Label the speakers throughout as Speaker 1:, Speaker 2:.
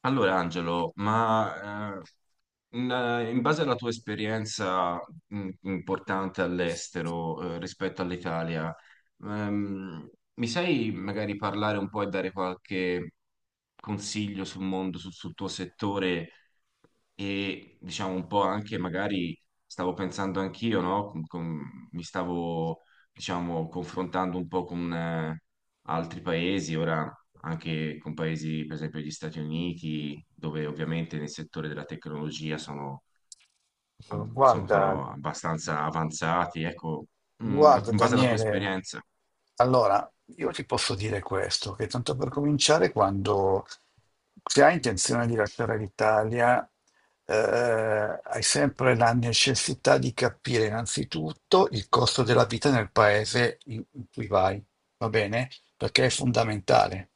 Speaker 1: Allora, Angelo, in, in base alla tua esperienza importante all'estero rispetto all'Italia, ehm, mi sai magari parlare un po' e dare qualche consiglio sul mondo, sul tuo settore e diciamo un po' anche magari stavo pensando anch'io, no? Mi stavo diciamo confrontando un po' con altri paesi, ora anche con paesi, per esempio gli Stati Uniti, dove ovviamente nel settore della tecnologia sono,
Speaker 2: Guarda,
Speaker 1: sono abbastanza avanzati, ecco,
Speaker 2: guarda
Speaker 1: in base alla tua
Speaker 2: Daniele,
Speaker 1: esperienza.
Speaker 2: allora io ti posso dire questo, che tanto per cominciare, quando se hai intenzione di lasciare l'Italia, hai sempre la necessità di capire innanzitutto il costo della vita nel paese in cui vai, va bene? Perché è fondamentale.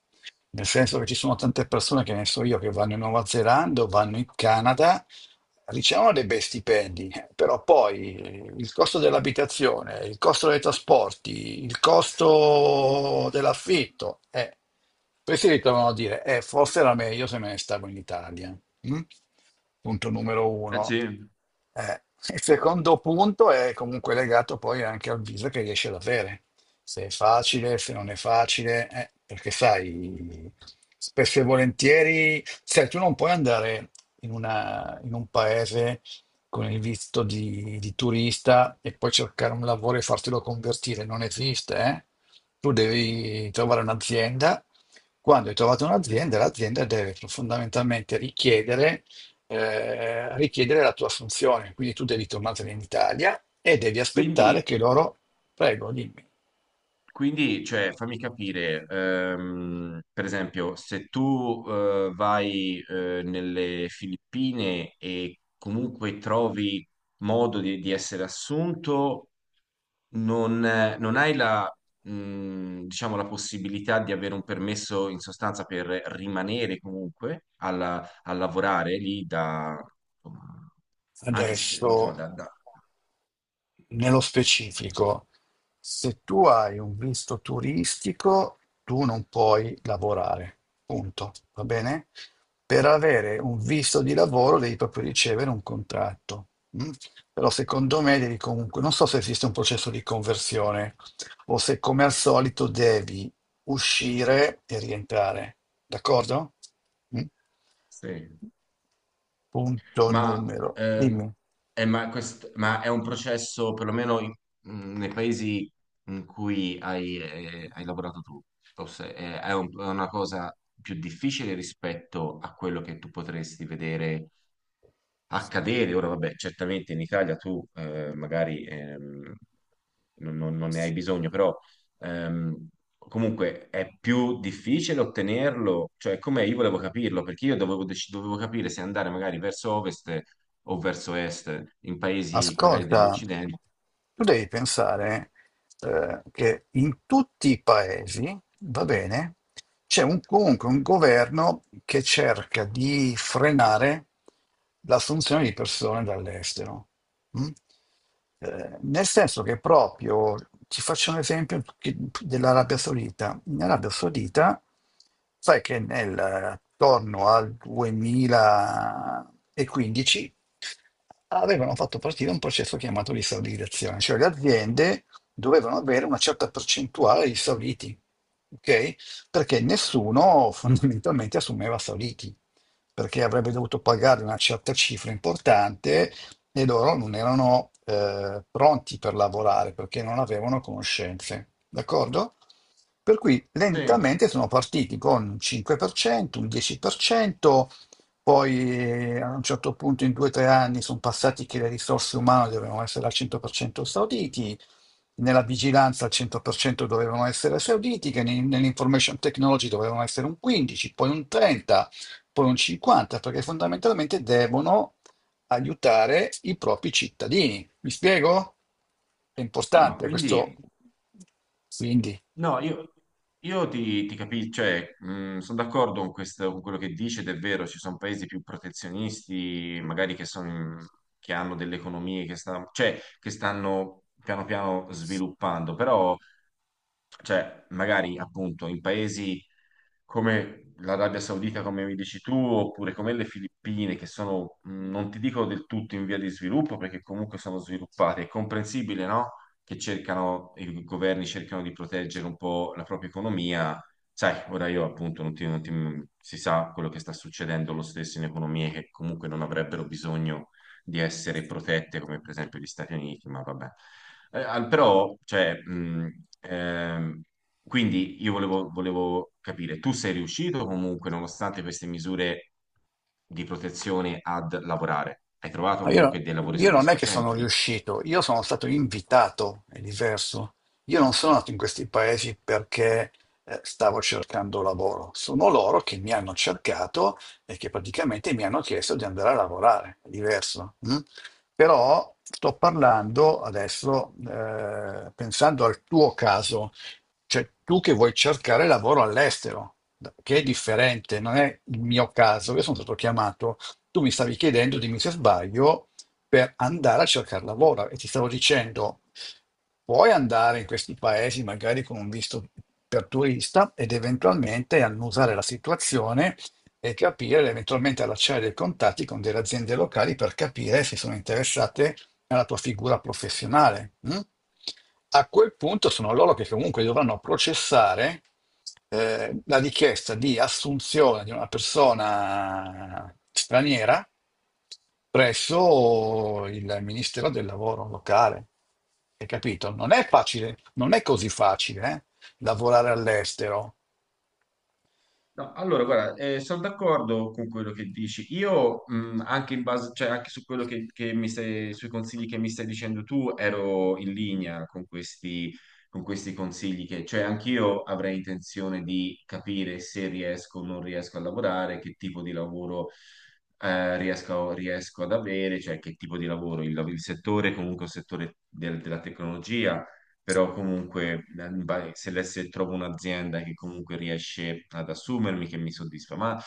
Speaker 2: Nel senso che ci sono tante persone che ne so io che vanno in Nuova Zelanda o vanno in Canada ricevono dei bei stipendi, però poi il costo dell'abitazione, il costo dei trasporti, il costo dell'affitto, poi si ritrovano a dire, forse era meglio se me ne stavo in Italia. Mm? Punto numero
Speaker 1: Eh
Speaker 2: uno.
Speaker 1: sì.
Speaker 2: Eh, il secondo punto è comunque legato poi anche al viso che riesci ad avere, se è facile, se non è facile, perché sai, spesso e volentieri, sai, tu non puoi andare in un paese con il visto di turista e poi cercare un lavoro e fartelo convertire. Non esiste, eh? Tu devi trovare un'azienda. Quando hai trovato un'azienda, l'azienda deve fondamentalmente richiedere, richiedere la tua assunzione. Quindi tu devi tornare in Italia e devi
Speaker 1: Quindi.
Speaker 2: aspettare che loro... Prego, dimmi.
Speaker 1: Quindi, fammi capire, per esempio, se tu vai nelle Filippine e comunque trovi modo di essere assunto, non hai la, diciamo, la possibilità di avere un permesso in sostanza per rimanere comunque a lavorare lì da, insomma, anche se,
Speaker 2: Adesso,
Speaker 1: insomma, da.
Speaker 2: nello specifico, se tu hai un visto turistico, tu non puoi lavorare, punto, va bene? Per avere un visto di lavoro devi proprio ricevere un contratto. Mm? Però secondo me devi comunque, non so se esiste un processo di conversione o se come al solito devi uscire e rientrare, d'accordo? Mm?
Speaker 1: Sì.
Speaker 2: Punto
Speaker 1: Ma,
Speaker 2: numero,
Speaker 1: ehm,
Speaker 2: dimmi.
Speaker 1: ma ma è un processo, perlomeno nei paesi in cui hai, hai lavorato tu, o se- è, è una cosa più difficile rispetto a quello che tu potresti vedere accadere. Ora, vabbè, certamente in Italia tu magari non ne hai bisogno, però ehm, comunque è più difficile ottenerlo. Cioè, com'è? Io volevo capirlo perché io dovevo, dovevo capire se andare magari verso ovest o verso est, in paesi magari
Speaker 2: Ascolta,
Speaker 1: dell'Occidente.
Speaker 2: tu devi pensare che in tutti i paesi, va bene, comunque un governo che cerca di frenare l'assunzione di persone dall'estero. Mm? Nel senso che proprio, ti faccio un esempio che- dell'Arabia Saudita. In Arabia Saudita, sai che attorno al 2015 avevano fatto partire un processo chiamato di esaudizione, cioè le aziende dovevano avere una certa percentuale di sauditi, ok? Perché nessuno fondamentalmente assumeva sauditi, perché avrebbe dovuto pagare una certa cifra importante e loro non erano pronti per lavorare perché non avevano conoscenze, d'accordo? Per cui
Speaker 1: Sì,
Speaker 2: lentamente sono partiti con un 5%, un 10%, poi a un certo punto in due o tre anni sono passati che le risorse umane dovevano essere al 100% sauditi, nella vigilanza al 100% dovevano essere sauditi, nell'information technology dovevano essere un 15, poi un 30, poi un 50, perché fondamentalmente devono aiutare i propri cittadini. Mi spiego? È
Speaker 1: sì, ma
Speaker 2: importante
Speaker 1: quindi.
Speaker 2: questo. Quindi.
Speaker 1: No, io ti capisco, cioè, sono d'accordo con con quello che dici, ed è vero, ci sono paesi più protezionisti, che hanno delle economie che, cioè, che stanno piano piano sviluppando, però cioè magari appunto in paesi come l'Arabia Saudita, come mi dici tu, oppure come le Filippine, che sono, non ti dico del tutto in via di sviluppo, perché comunque sono sviluppate, è comprensibile, no? Che cercano, i governi cercano di proteggere un po' la propria economia. Sai, ora io appunto non ti. Si sa quello che sta succedendo lo stesso in economie che comunque non avrebbero bisogno di essere protette come per esempio gli Stati Uniti, ma vabbè. Eh, al- però, cioè, mh, ehm, quindi io volevo, volevo capire, tu sei riuscito comunque, nonostante queste misure di protezione, ad lavorare? Hai trovato
Speaker 2: No,
Speaker 1: comunque dei lavori
Speaker 2: Io non è che sono
Speaker 1: soddisfacenti lì?
Speaker 2: riuscito, io sono stato invitato, è diverso. Io non sono nato in questi paesi perché stavo cercando lavoro, sono loro che mi hanno cercato e che praticamente mi hanno chiesto di andare a lavorare, è diverso. Mm? Però sto parlando adesso, pensando al tuo caso, cioè tu che vuoi cercare lavoro all'estero, che è differente, non è il mio caso, io sono stato chiamato tu mi stavi chiedendo, dimmi se sbaglio, per andare a cercare lavoro e ti stavo dicendo, puoi andare in questi paesi magari con un visto per turista ed eventualmente annusare la situazione e capire, eventualmente allacciare dei contatti con delle aziende locali per capire se sono interessate nella tua figura professionale. Mm? A quel punto sono loro che comunque dovranno processare la richiesta di assunzione di una persona straniera presso il Ministero del Lavoro locale. Hai capito? Non è facile, non è così facile, lavorare all'estero.
Speaker 1: No, allora, guarda, sono d'accordo con quello che dici. Io, anche in base, cioè, anche su quello che mi stai, sui consigli che mi stai dicendo tu, ero in linea con questi consigli che, cioè, anch'io avrei intenzione di capire se riesco o non riesco a lavorare, che tipo di lavoro, riesco ad avere, cioè, che tipo di lavoro, il settore, comunque, il settore della tecnologia però comunque se, se trovo un'azienda che comunque riesce ad assumermi, che mi soddisfa, ma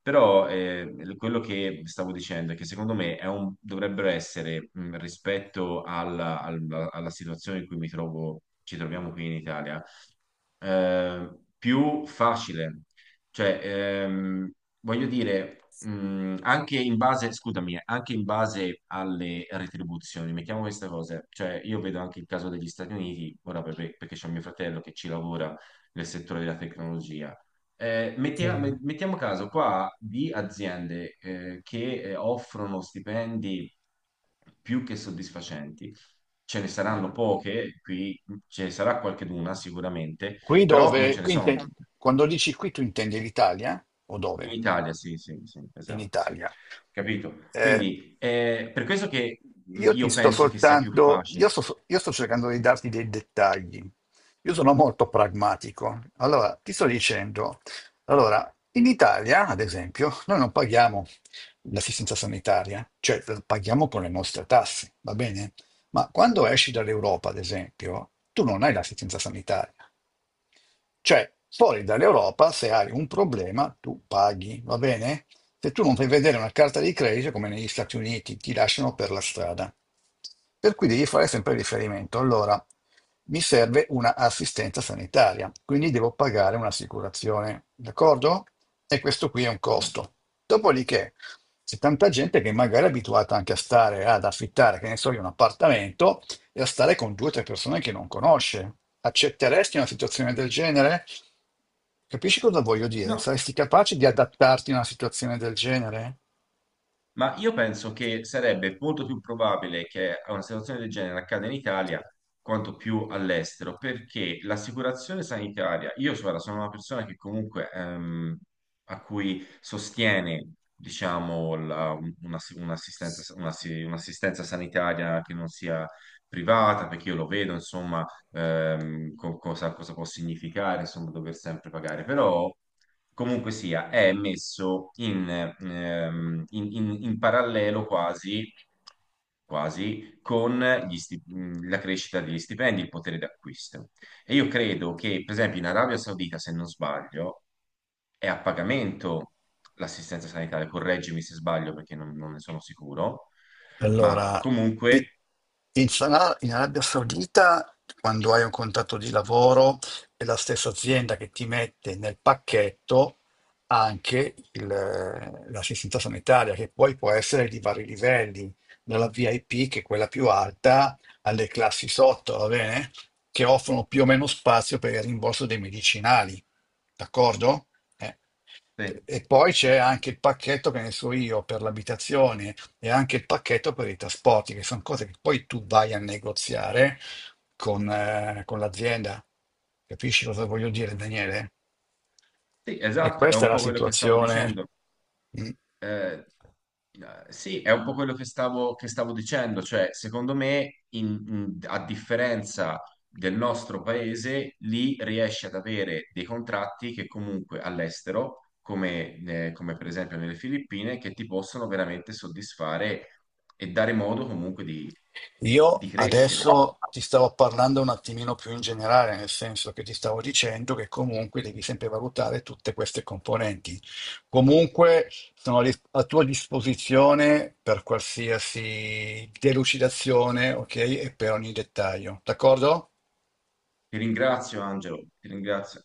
Speaker 1: però quello che stavo dicendo è che secondo me è dovrebbero essere rispetto alla situazione in cui mi trovo, ci troviamo qui in Italia, eh, più facile. Cioè, voglio dire, anche in base, scusami, anche in base alle retribuzioni, mettiamo queste cose, cioè io vedo anche il caso degli Stati Uniti, ora perché c'è mio fratello che ci lavora nel settore della tecnologia.
Speaker 2: Eh,
Speaker 1: Mettiamo caso qua di aziende che offrono stipendi più che soddisfacenti. Ce ne saranno poche, qui ce ne sarà qualcheduna sicuramente,
Speaker 2: qui
Speaker 1: però non
Speaker 2: dove,
Speaker 1: ce ne
Speaker 2: qui
Speaker 1: sono.
Speaker 2: inte- quando dici qui tu intendi l'Italia o
Speaker 1: In
Speaker 2: dove?
Speaker 1: Italia, sì, sì, sì,
Speaker 2: In
Speaker 1: esatto, sì.
Speaker 2: Italia.
Speaker 1: Capito?
Speaker 2: Eh,
Speaker 1: Quindi, per questo che
Speaker 2: io ti
Speaker 1: io
Speaker 2: sto
Speaker 1: penso che sia più
Speaker 2: soltanto,
Speaker 1: facile.
Speaker 2: io sto, so, io sto cercando di darti dei dettagli. Io sono molto pragmatico. Allora, ti sto dicendo, allora, in Italia, ad esempio, noi non paghiamo l'assistenza sanitaria, cioè la paghiamo con le nostre tasse, va bene? Ma quando esci dall'Europa, ad esempio, tu non hai l'assistenza sanitaria. Cioè, fuori dall'Europa, se hai un problema, tu paghi, va bene? Se tu non fai vedere una carta di credito, come negli Stati Uniti, ti lasciano per la strada. Per cui devi fare sempre riferimento. Allora, mi serve una assistenza sanitaria, quindi devo pagare un'assicurazione, d'accordo? E questo qui è un costo. Dopodiché, c'è tanta gente che magari è abituata anche a stare, ad affittare, che ne so io, un appartamento e a stare con due o tre persone che non conosce. Accetteresti una situazione del genere? Capisci cosa voglio dire?
Speaker 1: No,
Speaker 2: Saresti capace di adattarti a una situazione del genere?
Speaker 1: ma io penso che sarebbe molto più probabile che una situazione del genere accada in Italia quanto più all'estero, perché l'assicurazione sanitaria, io guarda, sono una persona che comunque a cui sostiene, diciamo, un'assistenza sanitaria che non sia privata, perché io lo vedo, insomma, cosa può significare, insomma, dover sempre pagare. Però comunque sia, è messo in, in parallelo quasi, quasi con la crescita degli stipendi, il potere d'acquisto. E io credo che, per esempio, in Arabia Saudita, se non sbaglio, è a pagamento l'assistenza sanitaria, correggimi se sbaglio perché non ne sono sicuro, ma
Speaker 2: Allora, i-
Speaker 1: comunque...
Speaker 2: in Arabia Saudita, quando hai un contratto di lavoro, è la stessa azienda che ti mette nel pacchetto anche l'assistenza sanitaria, che poi può essere di vari livelli, dalla VIP, che è quella più alta, alle classi sotto, va bene? Che offrono più o meno spazio per il rimborso dei medicinali, d'accordo? Eh.
Speaker 1: Sì,
Speaker 2: E poi c'è
Speaker 1: ecco.
Speaker 2: anche il pacchetto che ne so io per l'abitazione e anche il pacchetto per i trasporti, che sono cose che poi tu vai a negoziare con l'azienda. Capisci cosa voglio dire, Daniele?
Speaker 1: Sì,
Speaker 2: E
Speaker 1: esatto, è
Speaker 2: questa è
Speaker 1: un
Speaker 2: la
Speaker 1: po' quello che stavo
Speaker 2: situazione.
Speaker 1: dicendo.
Speaker 2: Mm?
Speaker 1: Eh, eh, sì, è un po' quello che stavo dicendo, cioè secondo me, a differenza del nostro paese, lì riesce ad avere dei contratti che comunque all'estero, come, come per esempio nelle Filippine, che ti possono veramente soddisfare e dare modo comunque di
Speaker 2: Io
Speaker 1: crescere.
Speaker 2: adesso ti stavo parlando un attimino più in generale, nel senso che ti stavo dicendo che comunque devi sempre valutare tutte queste componenti. Comunque sono a tua disposizione per qualsiasi delucidazione, ok? E per ogni dettaglio, d'accordo?
Speaker 1: Ti ringrazio, Angelo, ti ringrazio.